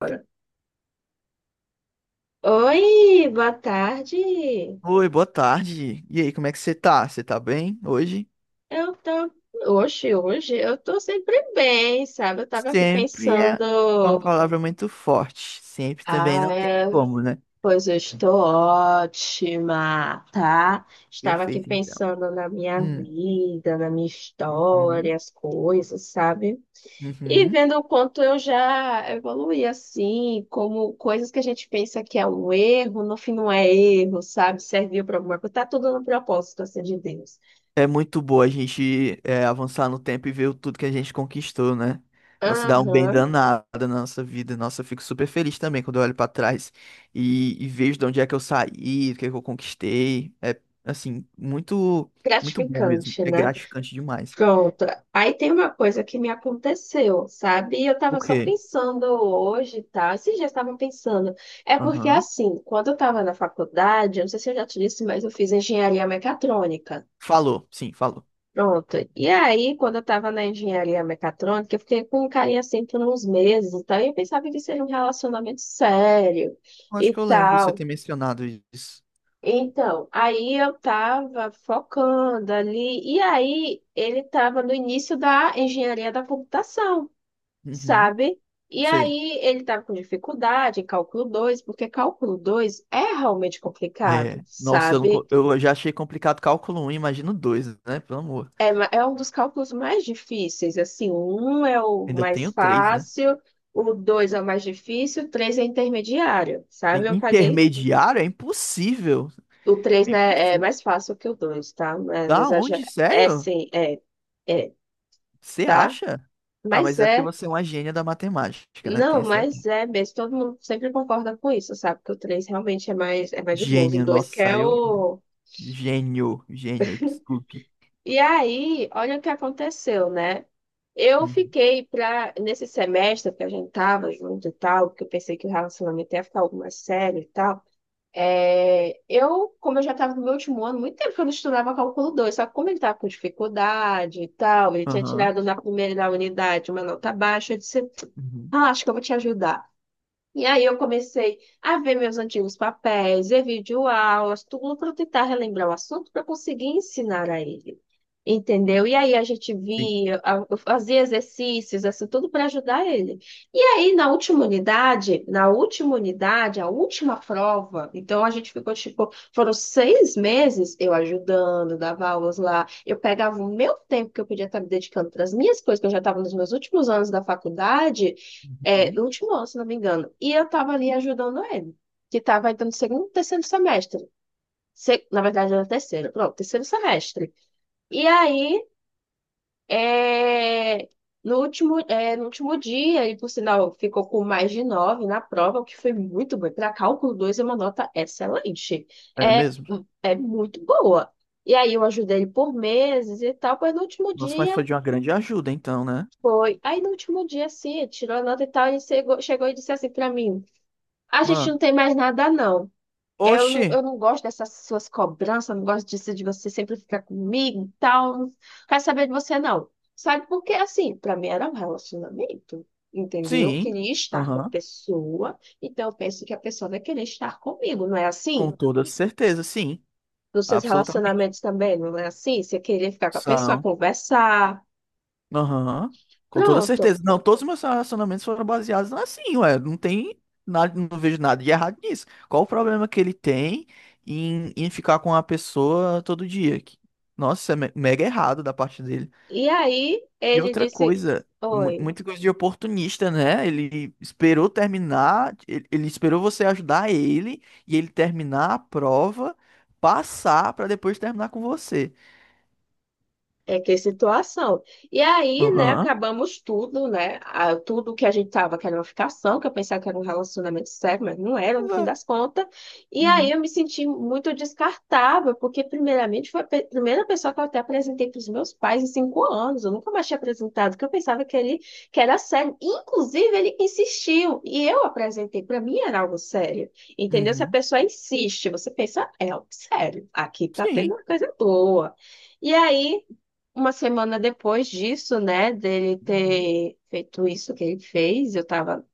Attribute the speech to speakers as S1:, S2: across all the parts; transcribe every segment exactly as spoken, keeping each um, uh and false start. S1: Olha, oi, boa tarde.
S2: Oi, boa tarde. E aí, como é que você tá? Você tá bem hoje?
S1: Eu tô hoje, hoje eu tô sempre bem, sabe? Eu tava aqui
S2: Sempre é é uma
S1: pensando,
S2: palavra muito forte. Sempre também
S1: ah,
S2: não tem
S1: é,
S2: como, né?
S1: pois eu estou ótima, tá? Estava aqui
S2: Perfeito, então.
S1: pensando na minha
S2: Hum,
S1: vida, na minha
S2: uhum,
S1: história, as coisas, sabe? E
S2: uhum.
S1: vendo o quanto eu já evoluí assim, como coisas que a gente pensa que é um erro, no fim não é erro, sabe? Serviu para alguma coisa, tá tudo no propósito assim de Deus.
S2: É muito boa a gente é, avançar no tempo e ver o tudo que a gente conquistou, né? Nossa, dá um bem
S1: Aham,
S2: danado na nossa vida. Nossa, eu fico super feliz também quando eu olho pra trás e, e vejo de onde é que eu saí, o que é que eu conquistei. É, assim, muito, muito bom mesmo.
S1: gratificante,
S2: É
S1: né?
S2: gratificante demais.
S1: Pronto. Aí tem uma coisa que me aconteceu, sabe? E eu
S2: O
S1: tava só
S2: quê?
S1: pensando hoje, tá? Esses dias estavam pensando. É porque,
S2: Aham.
S1: assim, quando eu tava na faculdade, eu não sei se eu já te disse, mas eu fiz engenharia mecatrônica.
S2: Falou, sim, falou.
S1: Pronto. E aí, quando eu tava na engenharia mecatrônica, eu fiquei com um carinha assim por uns meses e tal. E eu pensava que seria um relacionamento sério
S2: Eu
S1: e
S2: acho que eu lembro você
S1: tal.
S2: ter mencionado isso.
S1: Então, aí eu tava focando ali, e aí ele tava no início da engenharia da computação,
S2: Uhum,
S1: sabe? E
S2: sei.
S1: aí ele tava com dificuldade em cálculo dois porque cálculo dois é realmente complicado,
S2: É, nossa, eu, não,
S1: sabe?
S2: co- eu já achei complicado cálculo um, imagino dois, né? Pelo amor.
S1: É, ma- é um dos cálculos mais difíceis, assim, o um é o
S2: Ainda
S1: mais
S2: tenho três, né?
S1: fácil, o dois é o mais difícil, o três é intermediário, sabe? Eu paguei,
S2: Intermediário é impossível.
S1: o três
S2: É
S1: né, é
S2: impossível.
S1: mais fácil que o dois, tá? É, não
S2: Da
S1: exagera-
S2: onde?
S1: é
S2: Sério?
S1: sim, é. É,
S2: Você
S1: tá?
S2: acha? Ah,
S1: Mas
S2: mas é porque
S1: é,
S2: você é uma gênia da matemática, né? Tem
S1: não,
S2: esse
S1: mas
S2: detalhe.
S1: é mesmo. Todo mundo sempre concorda com isso, sabe? Que o três realmente é mais, é mais de boas. O
S2: Gênio,
S1: dois que é
S2: nossa, eu.
S1: o.
S2: Gênio, gênio, desculpe.
S1: E aí, olha o que aconteceu, né? Eu
S2: Uhum.
S1: fiquei pra, nesse semestre que a gente tava junto e tal, porque eu pensei que o relacionamento ia ficar algo mais sério e tal. É, eu, como eu já estava no meu último ano, muito tempo que eu não estudava cálculo dois, só que como ele estava com dificuldade e tal, ele tinha
S2: Aham.
S1: tirado na primeira da unidade uma nota baixa, eu disse,
S2: Uhum.
S1: ah, acho que eu vou te ajudar. E aí eu comecei a ver meus antigos papéis, ver videoaulas, tudo para tentar relembrar o assunto para conseguir ensinar a ele. Entendeu? E aí a gente
S2: Sim.
S1: via, a- eu fazia exercícios, assim, tudo para ajudar ele. E aí na última unidade, na última unidade, a última prova, então a gente ficou tipo, foram seis meses eu ajudando, dava aulas lá, eu pegava o meu tempo que eu podia estar me dedicando para as minhas coisas, que eu já estava nos meus últimos anos da faculdade. É,
S2: Uhum.
S1: no último ano, se não me engano. E eu tava ali ajudando ele, que tava entrando no segundo, terceiro semestre. Se- na verdade, era terceiro, pronto, terceiro semestre. E aí, é, no último, é, no último dia, ele, por sinal, ficou com mais de nove na prova, o que foi muito bom. Para cálculo dois é uma nota excelente.
S2: É
S1: É,
S2: mesmo?
S1: é muito boa. E aí, eu ajudei ele por meses e tal, mas no último
S2: Nossa, mas
S1: dia.
S2: foi de uma grande ajuda, então, né?
S1: Foi. Aí no último dia, assim, ele tirou a nota e tal, ele chegou, chegou e disse assim para mim. A gente não
S2: Uma.
S1: tem mais nada, não. Eu não,
S2: Oxi,
S1: eu não gosto dessas suas cobranças, não gosto disso de você sempre ficar comigo e tal. Não quero saber de você, não. Sabe por quê? Assim, pra mim era um relacionamento, entendeu? Eu
S2: sim.
S1: queria estar com a
S2: Aham.
S1: pessoa, então eu penso que a pessoa vai querer estar comigo, não é
S2: Com
S1: assim?
S2: toda certeza, sim.
S1: Nos seus
S2: Absolutamente.
S1: relacionamentos também, não é assim? Você queria ficar com a pessoa,
S2: São.
S1: conversar,
S2: Aham. Com toda
S1: pronto.
S2: certeza. Não, todos os meus relacionamentos foram baseados assim, ué. Não tem nada, não vejo nada de errado nisso. Qual o problema que ele tem em, em ficar com uma pessoa todo dia? Que- Nossa, isso é me- mega errado da parte dele.
S1: E aí
S2: E
S1: ele
S2: outra
S1: disse:
S2: coisa, mu-
S1: oi.
S2: muita coisa de oportunista, né? Ele esperou terminar, ele, ele esperou você ajudar ele e ele terminar a prova, passar pra depois terminar com você.
S1: É que é situação. E aí, né,
S2: Aham.
S1: acabamos tudo, né? a- Tudo que a gente tava, que era uma ficação, que eu pensava que era um relacionamento sério, mas não era, no
S2: Pois
S1: fim
S2: é.
S1: das contas. E aí
S2: Uhum.
S1: eu me senti muito descartável, porque primeiramente foi a pe- primeira pessoa que eu até apresentei para os meus pais em cinco anos. Eu nunca mais tinha apresentado, porque eu pensava que ele que era sério. Inclusive, ele insistiu. E eu apresentei, para mim era algo sério. Entendeu? Se a
S2: Uhum.
S1: pessoa insiste, você pensa, é algo sério. Aqui tá tendo
S2: Sim.
S1: uma coisa boa. E aí. Uma semana depois disso, né, dele
S2: Uhum.
S1: ter feito isso que ele fez, eu tava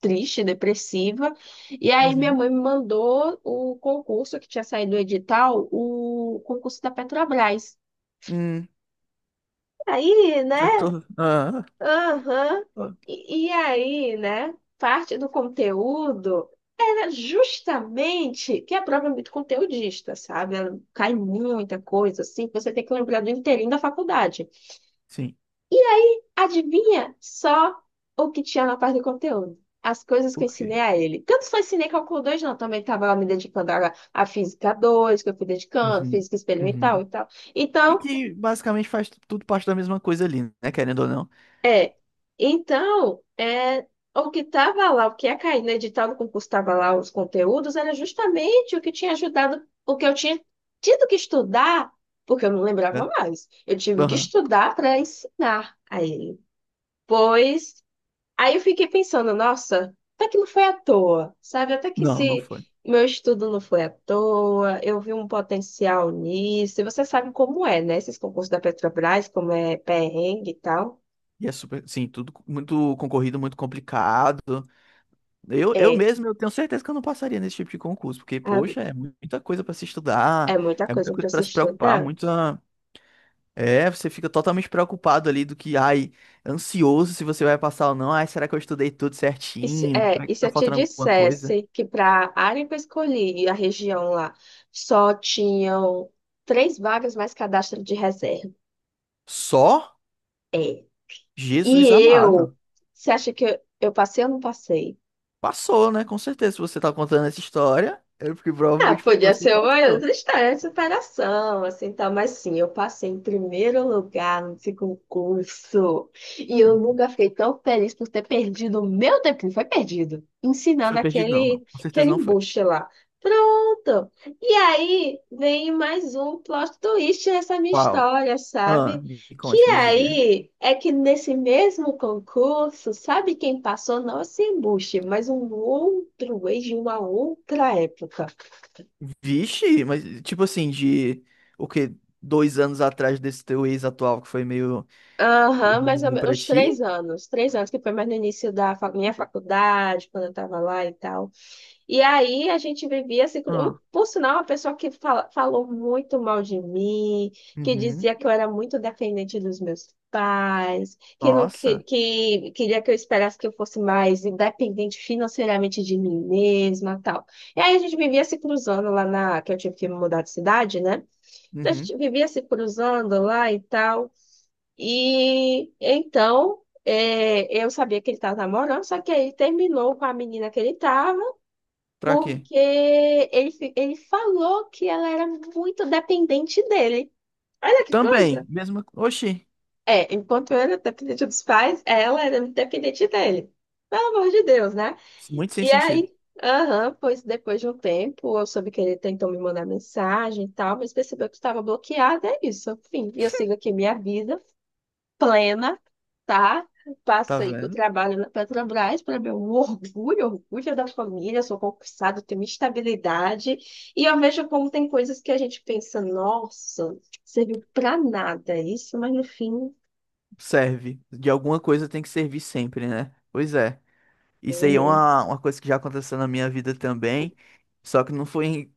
S1: triste, depressiva. E aí minha
S2: Uhum.
S1: mãe me mandou o concurso que tinha saído do edital, o concurso da Petrobras.
S2: Hum,
S1: Aí,
S2: já
S1: né?
S2: tô. Ah, ah.
S1: Aham.
S2: Ah.
S1: E, e aí, né? Parte do conteúdo era justamente que a prova é muito conteudista, sabe? Ela cai muita coisa, assim, que você tem que lembrar do inteirinho da faculdade.
S2: Sim.
S1: Adivinha só o que tinha na parte do conteúdo. As coisas que
S2: O
S1: eu
S2: quê?
S1: ensinei a ele. Que eu não só ensinei cálculo dois, não. Também estava lá me dedicando a à física dois, que eu fui dedicando,
S2: Uhum.
S1: física experimental
S2: Uhum.
S1: e tal.
S2: E
S1: Então,
S2: que basicamente faz tudo parte da mesma coisa ali, né? Querendo ou não,
S1: é. Então, é, o que estava lá, o que ia cair no edital do concurso, estava lá os conteúdos, era justamente o que tinha ajudado, o que eu tinha tido que estudar, porque eu não lembrava
S2: né?
S1: mais. Eu tive que
S2: Aham.
S1: estudar para ensinar a ele. Pois aí eu fiquei pensando, nossa, até que não foi à toa, sabe? Até que
S2: Não, não
S1: se
S2: foi.
S1: meu estudo não foi à toa, eu vi um potencial nisso. E você sabe como é, né? Esses concursos da Petrobras, como é perrengue e tal.
S2: E é super, sim, tudo co- muito concorrido, muito complicado. Eu, eu
S1: É,
S2: mesmo, eu tenho certeza que eu não passaria nesse tipo de concurso, porque,
S1: ah,
S2: poxa, é muita coisa para se
S1: é
S2: estudar,
S1: muita
S2: é muita
S1: coisa para
S2: coisa
S1: se
S2: para se preocupar,
S1: estudar.
S2: muita. É, você fica totalmente preocupado ali do que, ai, ansioso se você vai passar ou não. Ai, será que eu estudei tudo
S1: E se,
S2: certinho?
S1: é,
S2: Será
S1: e
S2: que
S1: se
S2: tá
S1: eu te
S2: faltando alguma coisa?
S1: dissesse que para a área que eu escolhi, a região lá, só tinham três vagas mais cadastro de reserva?
S2: Só.
S1: É. E
S2: Jesus amado.
S1: eu, você acha que eu, eu passei ou não passei?
S2: Passou, né? Com certeza, se você tá contando essa história, é porque
S1: Ah,
S2: provavelmente
S1: podia
S2: você
S1: ser uma
S2: passou.
S1: outra história de superação, assim, tal. Mas sim, eu passei em primeiro lugar nesse concurso. E eu nunca fiquei tão feliz por ter perdido o meu tempo, que não foi perdido,
S2: Foi
S1: ensinando
S2: perdido, não,
S1: aquele,
S2: não. Com certeza
S1: aquele
S2: não foi.
S1: embuste lá. Pronto! E aí vem mais um plot twist nessa minha
S2: Uau.
S1: história,
S2: Ah,
S1: sabe?
S2: me
S1: Que
S2: conte, me diga.
S1: aí é que nesse mesmo concurso, sabe quem passou? Não esse embuste, mas um outro ex de uma outra época.
S2: Vixe, mas tipo assim, de o quê? Dois anos atrás desse teu ex atual que foi meio
S1: Aham, mais ou
S2: ruimzinho
S1: menos,
S2: pra
S1: uns três
S2: ti?
S1: anos. Três anos, que foi mais no início da fa- minha faculdade, quando eu estava lá e tal. E aí a gente vivia assim. com- um-
S2: Ah,
S1: Por sinal, uma pessoa que fala- falou muito mal de mim, que
S2: uhum.
S1: dizia que eu era muito dependente dos meus pais, que, não, que,
S2: Nossa,
S1: que queria que eu esperasse que eu fosse mais independente financeiramente de mim mesma tal. E aí a gente vivia se cruzando lá na. Que eu tive que me mudar de cidade, né? Então a
S2: uhum.
S1: gente vivia se cruzando lá e tal. E então, é, eu sabia que ele estava namorando, só que aí ele terminou com a menina que ele estava,
S2: Pra quê?
S1: porque ele, fi- ele falou que ela era muito dependente dele. Olha que
S2: Também,
S1: coisa!
S2: mesma. Oxi,
S1: É, enquanto eu era dependente dos pais, ela era dependente dele. Pelo amor de Deus, né?
S2: muito sem
S1: E
S2: sentido.
S1: aí, aham, pois depois de um tempo, eu soube que ele tentou me mandar mensagem e tal, mas percebeu que estava bloqueada, é isso, enfim. E eu sigo aqui minha vida plena, tá?
S2: Tá
S1: Passei pro
S2: vendo?
S1: trabalho na Petrobras, para meu orgulho, orgulho da família, sou concursada, tenho minha estabilidade. E eu vejo como tem coisas que a gente pensa, nossa, serviu para nada isso, mas no fim,
S2: Serve. De alguma coisa tem que servir sempre, né? Pois é. Isso aí é
S1: é,
S2: uma, uma coisa que já aconteceu na minha vida também. Só que não foi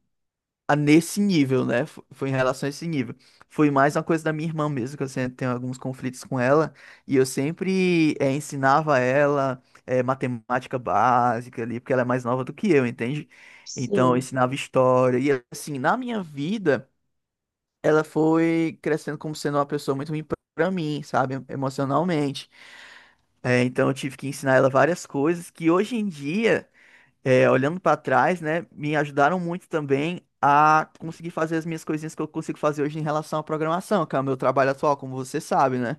S2: a nesse nível, né? Fo- Foi em relação a esse nível. Foi mais uma coisa da minha irmã mesmo, que eu sempre tenho alguns conflitos com ela, e eu sempre eh, ensinava ela eh, matemática básica ali, porque ela é mais nova do que eu, entende? Então, eu
S1: sim.
S2: ensinava história, e assim, na minha vida, ela foi crescendo como sendo uma pessoa muito ruim pra mim, sabe? Emocionalmente. Eh, então, eu tive que ensinar ela várias coisas que hoje em dia é, olhando para trás, né, me ajudaram muito também a conseguir fazer as minhas coisinhas que eu consigo fazer hoje em relação à programação, que é o meu trabalho atual, como você sabe, né?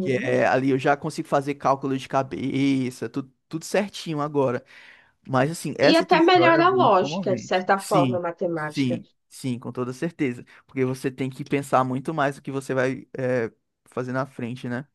S2: Que é ali eu já consigo fazer cálculo de cabeça, tudo, tudo certinho agora. Mas assim,
S1: E
S2: essa
S1: até
S2: tua história é
S1: melhora a
S2: muito
S1: lógica, de
S2: comovente.
S1: certa forma, a
S2: Sim,
S1: matemática.
S2: sim, sim, com toda certeza. Porque você tem que pensar muito mais o que você vai é, fazer na frente, né?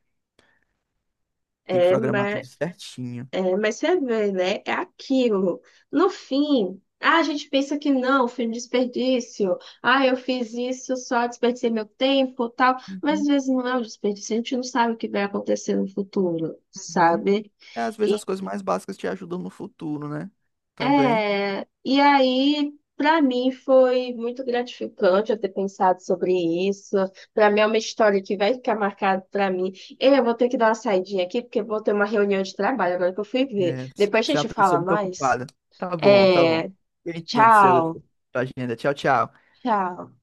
S2: Tem que
S1: É,
S2: programar tudo
S1: mas
S2: certinho.
S1: é, mas você vê, né? É aquilo. No fim, ah, a gente pensa que não, foi um desperdício. Ah, eu fiz isso, só desperdicei meu tempo, tal. Mas às
S2: Uhum,
S1: vezes não é um desperdício, a gente não sabe o que vai acontecer no futuro,
S2: uhum.
S1: sabe?
S2: É, às vezes
S1: E,
S2: as coisas mais básicas te ajudam no futuro, né? Também.
S1: é, e aí, para mim, foi muito gratificante eu ter pensado sobre isso. Para mim, é uma história que vai ficar marcada para mim. Eu vou ter que dar uma saidinha aqui, porque eu vou ter uma reunião de trabalho agora que eu fui ver.
S2: É, se
S1: Depois a
S2: se é uma
S1: gente fala
S2: pessoa muito
S1: mais.
S2: ocupada. Tá bom, tá bom.
S1: É,
S2: Eu entendo seu,
S1: tchau,
S2: sua agenda. Tchau, tchau.
S1: tchau.